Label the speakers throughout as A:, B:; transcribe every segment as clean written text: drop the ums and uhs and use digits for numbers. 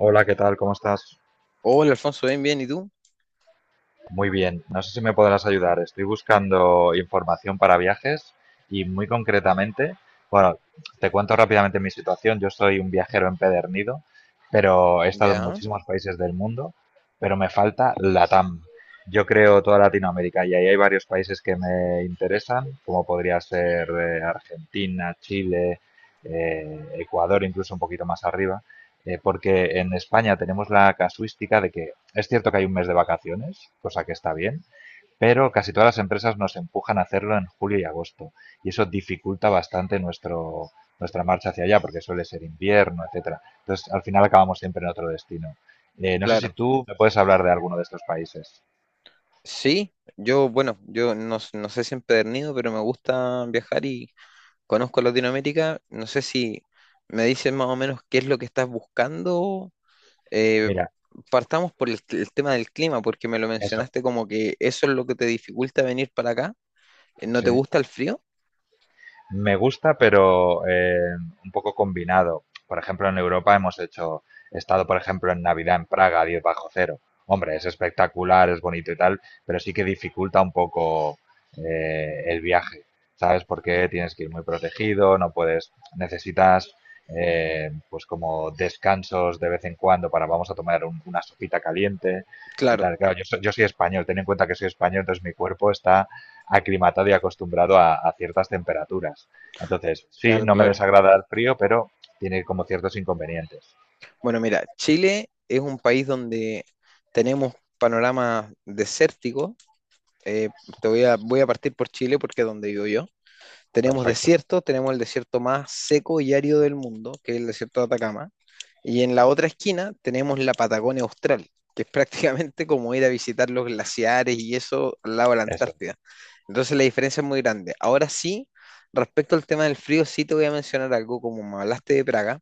A: Hola, ¿qué tal? ¿Cómo estás?
B: Hola Alfonso, bien, bien, ¿y tú?
A: Muy bien. No sé si me podrás ayudar. Estoy buscando información para viajes y muy concretamente, bueno, te cuento rápidamente mi situación. Yo soy un viajero empedernido, pero he estado en
B: Ya,
A: muchísimos países del mundo, pero me falta LATAM. Yo creo toda Latinoamérica y ahí hay varios países que me interesan, como podría ser Argentina, Chile, Ecuador, incluso un poquito más arriba porque en España tenemos la casuística de que es cierto que hay un mes de vacaciones, cosa que está bien, pero casi todas las empresas nos empujan a hacerlo en julio y agosto y eso nuestra marcha hacia allá porque suele ser invierno, etcétera. Entonces, al final acabamos siempre en otro destino. No sé si
B: claro.
A: tú me puedes hablar de alguno de estos países.
B: Sí, yo, bueno, yo no, no sé si empedernido, pero me gusta viajar y conozco Latinoamérica. No sé si me dices más o menos qué es lo que estás buscando. Eh,
A: Mira,
B: partamos por el tema del clima, porque me lo
A: eso.
B: mencionaste como que eso es lo que te dificulta venir para acá. ¿No te
A: Sí.
B: gusta el frío?
A: Me gusta, pero un poco combinado. Por ejemplo, en Europa hemos hecho, he estado, por ejemplo, en Navidad en Praga, a 10 bajo cero. Hombre, es espectacular, es bonito y tal, pero sí que dificulta un poco el viaje, ¿sabes? Porque tienes que ir muy protegido, no puedes, necesitas pues como descansos de vez en cuando para vamos a tomar una sopita caliente y
B: Claro,
A: tal. Claro, yo soy español, ten en cuenta que soy español, entonces mi cuerpo está aclimatado y acostumbrado a ciertas temperaturas. Entonces, sí,
B: claro,
A: no me
B: claro.
A: desagrada el frío, pero tiene como ciertos inconvenientes.
B: Bueno, mira, Chile es un país donde tenemos panoramas desérticos. Eh, te voy a partir por Chile porque es donde vivo yo. Tenemos
A: Perfecto,
B: desiertos, tenemos el desierto más seco y árido del mundo, que es el desierto de Atacama, y en la otra esquina tenemos la Patagonia Austral, que es prácticamente como ir a visitar los glaciares y eso al lado de la
A: eso,
B: Antártida. Entonces la diferencia es muy grande. Ahora sí, respecto al tema del frío, sí te voy a mencionar algo, como me hablaste de Praga,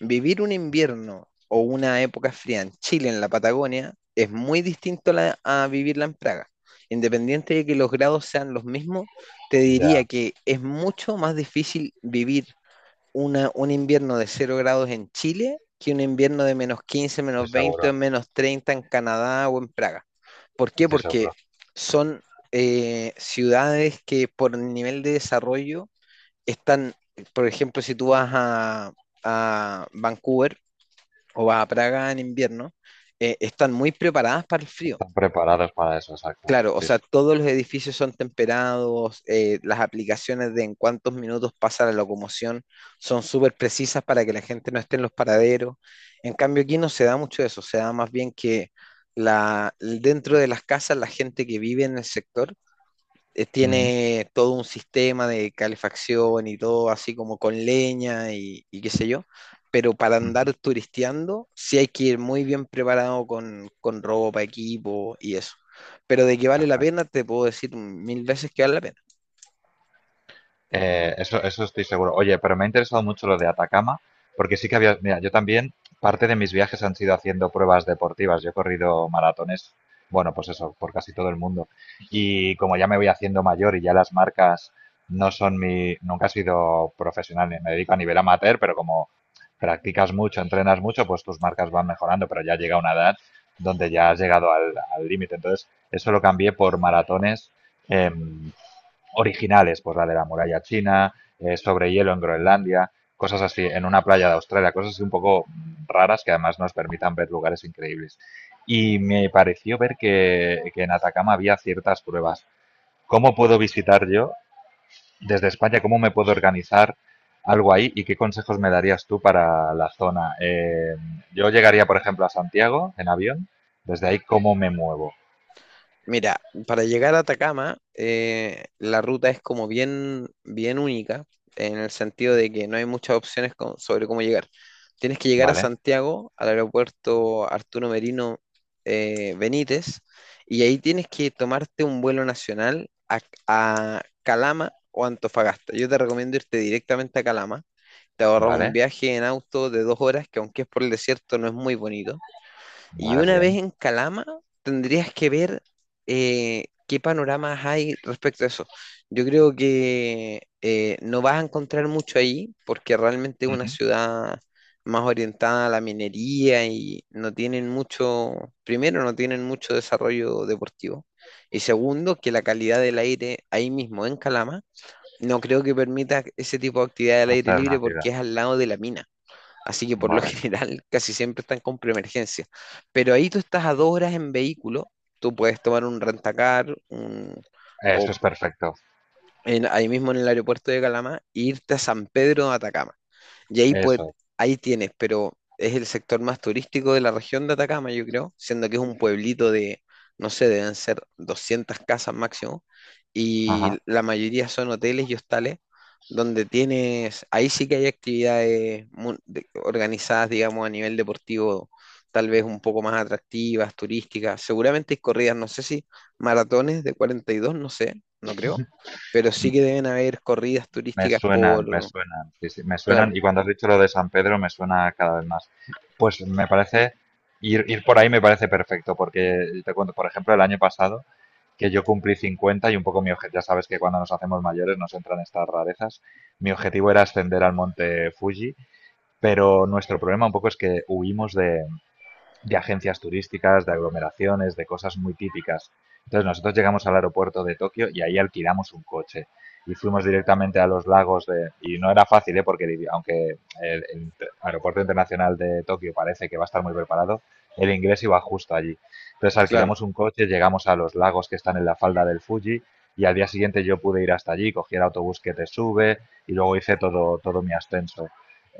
B: vivir un invierno o una época fría en Chile, en la Patagonia, es muy distinto a vivirla en Praga. Independiente de que los grados sean los mismos, te diría
A: ya,
B: que es mucho más difícil vivir un invierno de cero grados en Chile que un invierno de -15,
A: estoy
B: -20,
A: seguro,
B: o -30 en Canadá o en Praga. ¿Por qué?
A: estoy
B: Porque
A: seguro.
B: son ciudades que por nivel de desarrollo están, por ejemplo, si tú vas a, Vancouver o vas a Praga en invierno, están muy preparadas para el frío.
A: Están preparados para eso, exacto.
B: Claro, o
A: Sí,
B: sea,
A: sí.
B: todos los edificios son temperados, las aplicaciones de en cuántos minutos pasa la locomoción son súper precisas para que la gente no esté en los paraderos. En cambio, aquí no se da mucho eso, se da más bien que dentro de las casas, la gente que vive en el sector
A: Ujú,
B: tiene todo un sistema de calefacción y todo así como con leña y qué sé yo, pero para
A: ujú.
B: andar turisteando sí hay que ir muy bien preparado con, ropa, equipo y eso. Pero de que vale la
A: Perfecto.
B: pena, te puedo decir mil veces que vale la pena.
A: Eso, eso estoy seguro. Oye, pero me ha interesado mucho lo de Atacama, porque sí que había, mira, yo también, parte de mis viajes han sido haciendo pruebas deportivas. Yo he corrido maratones, bueno, pues eso, por casi todo el mundo. Y como ya me voy haciendo mayor y ya las marcas nunca he sido profesional, me dedico a nivel amateur, pero como practicas mucho, entrenas mucho, pues tus marcas van mejorando, pero ya llega una edad donde ya has llegado al límite. Entonces, eso lo cambié por maratones. em, originales, pues la de la muralla china, sobre hielo en Groenlandia, cosas así, en una playa de Australia, cosas así un poco raras que además nos permitan ver lugares increíbles. Y me pareció ver que en Atacama había ciertas pruebas. ¿Cómo puedo visitar yo desde España? ¿Cómo me puedo organizar algo ahí y qué consejos me darías tú para la zona? Yo llegaría, por ejemplo, a Santiago en avión. Desde ahí, ¿cómo me muevo?
B: Mira, para llegar a Atacama, la ruta es como bien, bien única, en el sentido de que no hay muchas opciones sobre cómo llegar. Tienes que llegar a
A: ¿Vale?
B: Santiago, al aeropuerto Arturo Merino Benítez, y ahí tienes que tomarte un vuelo nacional a Calama o Antofagasta. Yo te recomiendo irte directamente a Calama. Te ahorras un
A: ¿Vale?
B: viaje en auto de 2 horas, que aunque es por el desierto, no es muy bonito, y
A: ¿Vale?
B: una vez
A: Bien.
B: en Calama, tendrías que ver qué panoramas hay respecto a eso. Yo creo que no vas a encontrar mucho ahí, porque realmente es una
A: Ujú.
B: ciudad más orientada a la minería y no tienen mucho, primero, no tienen mucho desarrollo deportivo. Y segundo, que la calidad del aire ahí mismo en Calama, no creo que permita ese tipo de actividad al aire
A: Hacer
B: libre
A: una ciudad.
B: porque es al lado de la mina. Así que por lo
A: Vale.
B: general casi siempre están con preemergencia. Pero ahí tú estás a 2 horas en vehículo, tú puedes tomar un rentacar o
A: Eso es perfecto,
B: ahí mismo en el aeropuerto de Calama e irte a San Pedro de Atacama. Y ahí, pues,
A: eso.
B: ahí tienes, pero es el sector más turístico de la región de Atacama, yo creo, siendo que es un pueblito de, no sé, deben ser 200 casas máximo, y
A: Ajá.
B: la mayoría son hoteles y hostales, donde tienes, ahí sí que hay actividades organizadas, digamos, a nivel deportivo, tal vez un poco más atractivas, turísticas, seguramente hay corridas, no sé si maratones de 42, no sé, no creo, pero sí
A: M-
B: que deben haber corridas turísticas
A: Me
B: por,
A: suenan, sí, sí, me suenan.
B: claro,
A: Y cuando has dicho lo de San Pedro, me suena cada vez más. Pues me parece, ir por ahí me parece perfecto, porque te cuento, por ejemplo, el año pasado, que yo cumplí 50 y un poco mi objetivo, ya sabes que cuando nos hacemos mayores nos entran estas rarezas. Mi objetivo era ascender al monte Fuji, pero nuestro problema un poco es que huimos de agencias turísticas, de aglomeraciones, de cosas muy típicas. Entonces nosotros llegamos al aeropuerto de Tokio y ahí alquilamos un coche y fuimos directamente a los lagos de... Y no era fácil, ¿eh? Porque aunque el aeropuerto internacional de Tokio parece que va a estar muy preparado, el inglés iba justo allí. Entonces
B: claro.
A: alquilamos un coche, llegamos a los lagos que están en la falda del Fuji y al día siguiente yo pude ir hasta allí, cogí el autobús que te sube y luego hice todo mi ascenso.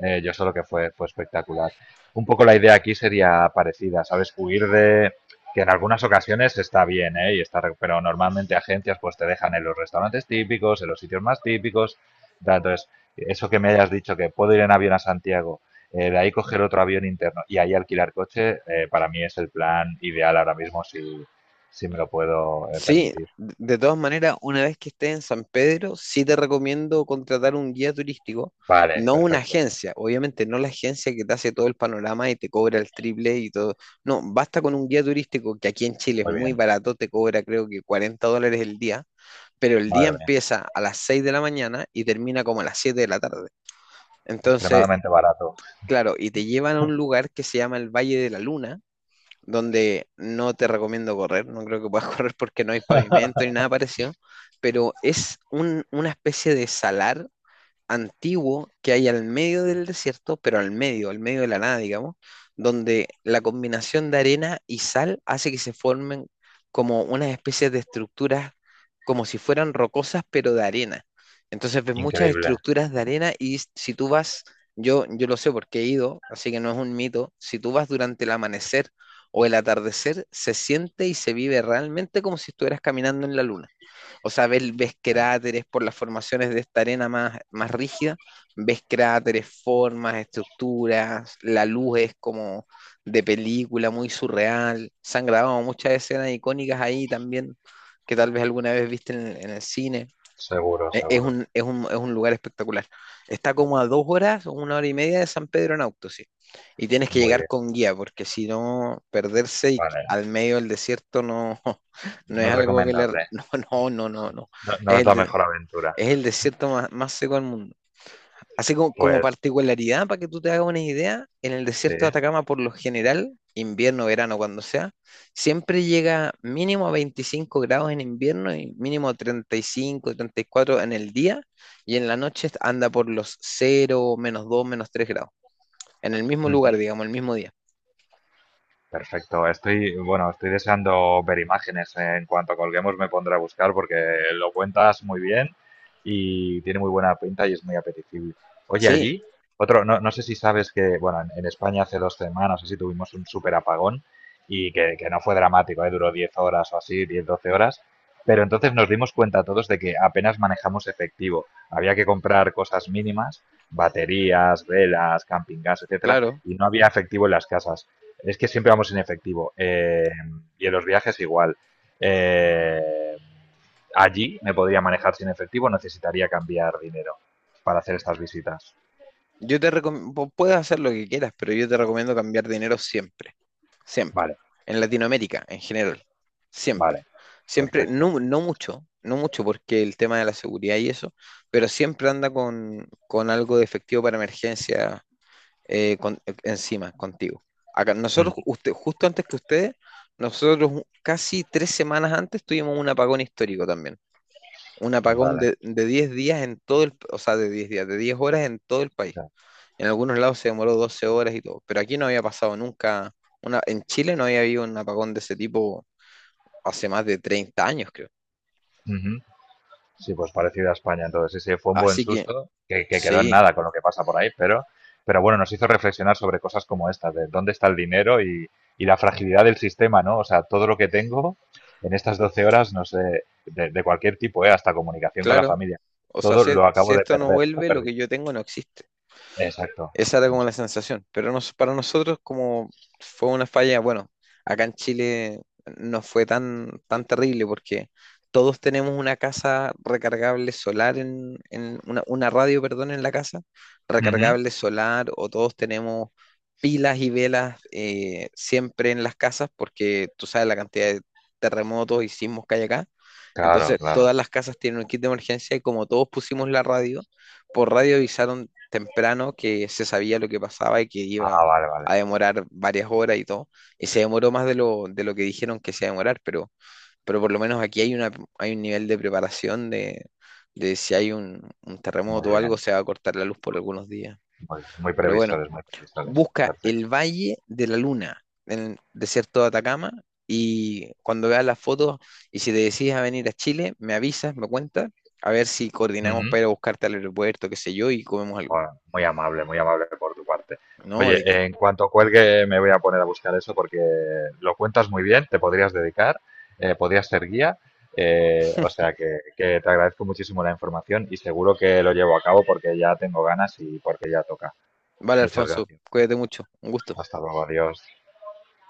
A: Yo solo que fue espectacular. Un poco la idea aquí sería parecida, ¿sabes? Huir de, que en algunas ocasiones está bien, ¿eh? Y está, pero normalmente agencias pues te dejan en los restaurantes típicos, en los sitios más típicos. Entonces, eso que me hayas dicho, que puedo ir en avión a Santiago, de ahí coger otro avión interno y ahí alquilar coche, para mí es el plan ideal ahora mismo si me lo puedo
B: Sí,
A: permitir.
B: de todas maneras, una vez que estés en San Pedro, sí te recomiendo contratar un guía turístico,
A: Vale,
B: no una
A: perfecto,
B: agencia, obviamente no la agencia que te hace todo el panorama y te cobra el triple y todo. No, basta con un guía turístico que aquí en Chile es
A: muy
B: muy
A: bien,
B: barato, te cobra creo que 40 dólares el día, pero el día
A: madre mía,
B: empieza a las 6 de la mañana y termina como a las 7 de la tarde. Entonces,
A: extremadamente barato,
B: claro, y te llevan a un lugar que se llama el Valle de la Luna, donde no te recomiendo correr, no creo que puedas correr porque no hay pavimento ni nada parecido, pero es una especie de salar antiguo que hay al medio del desierto, pero al medio de la nada, digamos, donde la combinación de arena y sal hace que se formen como unas especies de estructuras, como si fueran rocosas, pero de arena. Entonces ves muchas
A: increíble,
B: estructuras de arena y si tú vas, yo lo sé porque he ido, así que no es un mito, si tú vas durante el amanecer o el atardecer, se siente y se vive realmente como si estuvieras caminando en la luna. O sea, ves,
A: bien,
B: cráteres por las formaciones de esta arena más, más rígida, ves cráteres, formas, estructuras, la luz es como de película, muy surreal. Se han grabado muchas escenas icónicas ahí también, que tal vez alguna vez viste en el cine.
A: seguro,
B: E- Es
A: seguro,
B: un, es un, es un lugar espectacular. Está como a 2 horas o 1 hora y media de San Pedro en auto, sí. Y tienes que
A: muy
B: llegar
A: bien,
B: con guía, porque si no, perderse y,
A: vale.
B: al medio del desierto no, no es
A: No es
B: algo que le...
A: recomendable.
B: No, no, no, no, no.
A: No, no
B: Es
A: es la
B: el,
A: mejor aventura.
B: es el desierto más, más seco del mundo. Así como
A: Pues
B: particularidad, para que tú te hagas una idea, en el
A: sí.
B: desierto de Atacama, por lo general, invierno, verano, cuando sea, siempre llega mínimo a 25 grados en invierno y mínimo a 35, 34 en el día, y en la noche anda por los cero, -2, -3 grados, en el mismo lugar,
A: Mm.
B: digamos, el mismo día.
A: Perfecto. Estoy, bueno, estoy deseando ver imágenes. En cuanto colguemos me pondré a buscar porque lo cuentas muy bien y tiene muy buena pinta y es muy apetecible. Oye,
B: Sí,
A: allí, otro, no, no sé si sabes que, bueno, en España hace 2 semanas así tuvimos un súper apagón que no fue dramático, ¿eh? Duró 10 horas o así, 10 12 horas. Pero entonces nos dimos cuenta todos de que apenas manejamos efectivo. Había que comprar cosas mínimas, baterías, velas, camping gas, etcétera,
B: claro.
A: y no había efectivo en las casas. Es que siempre vamos en efectivo. Y en los viajes igual. Eh, allí me podría manejar sin efectivo, necesitaría cambiar dinero para hacer estas visitas.
B: Yo te recomiendo, puedes hacer lo que quieras, pero yo te recomiendo cambiar dinero siempre. Siempre.
A: Vale,
B: En Latinoamérica, en general, siempre.
A: vale,
B: Siempre,
A: perfecto.
B: no, no mucho, no mucho, porque el tema de la seguridad y eso, pero siempre anda con, algo de efectivo para emergencia, encima, contigo. Acá, nosotros, usted, justo antes que ustedes, nosotros casi 3 semanas antes tuvimos un apagón histórico también. Un apagón
A: Vale.
B: de 10 días en todo el, o sea, de 10 días, de 10 horas en todo el
A: O
B: país.
A: sea,
B: En algunos lados se demoró 12 horas y todo, pero aquí no había pasado nunca, una, en Chile no había habido un apagón de ese tipo hace más de 30 años, creo.
A: sí, pues parecido a España. Entonces, sí, sí, fue un buen
B: Así que
A: susto que quedó en
B: sí,
A: nada con lo que pasa por ahí, pero bueno, nos hizo reflexionar sobre cosas como estas, de dónde está el dinero y la fragilidad del sistema, ¿no? O sea, todo lo que tengo en estas 12 horas, no sé, de cualquier tipo, ¿eh? Hasta comunicación con la
B: claro.
A: familia,
B: O sea,
A: todo
B: si,
A: lo
B: si
A: acabo de
B: esto no
A: perder, lo
B: vuelve, lo
A: perdí.
B: que yo tengo no existe.
A: Exacto.
B: Esa era
A: Sí,
B: como la
A: sí.
B: sensación, pero para nosotros como fue una falla, bueno, acá en Chile no fue tan, tan terrible porque todos tenemos una casa recargable solar en una, radio, perdón, en la casa,
A: Ujú.
B: recargable solar, o todos tenemos pilas y velas siempre en las casas porque tú sabes la cantidad de terremotos y sismos que hay acá.
A: Claro,
B: Entonces
A: claro.
B: todas las casas tienen un kit de emergencia, y como todos pusimos la radio, por radio avisaron temprano que se sabía lo que pasaba y que iba
A: Ah, vale, vale.
B: a demorar varias horas y todo. Y se demoró más de lo, que dijeron que se iba a demorar, pero, por lo menos aquí hay un nivel de preparación de, si hay un
A: Muy
B: terremoto o algo,
A: bien.
B: se va a cortar la luz por algunos días.
A: Muy, muy
B: Pero bueno,
A: previsores, muy previsores.
B: busca
A: Perfecto.
B: el Valle de la Luna en el desierto de Atacama. Y cuando veas las fotos y si te decides a venir a Chile, me avisas, me cuentas, a ver si coordinamos
A: Ujú.
B: para ir a buscarte al aeropuerto, qué sé yo, y comemos algo.
A: Bueno, muy amable por tu parte.
B: No,
A: Oye,
B: de qué.
A: en cuanto cuelgue me voy a poner a buscar eso porque lo cuentas muy bien, te podrías dedicar, podrías ser guía, o sea que te agradezco muchísimo la información y seguro que lo llevo a cabo porque ya tengo ganas y porque ya toca.
B: Vale,
A: Muchas
B: Alfonso,
A: gracias.
B: cuídate mucho. Un gusto.
A: Hasta luego, adiós.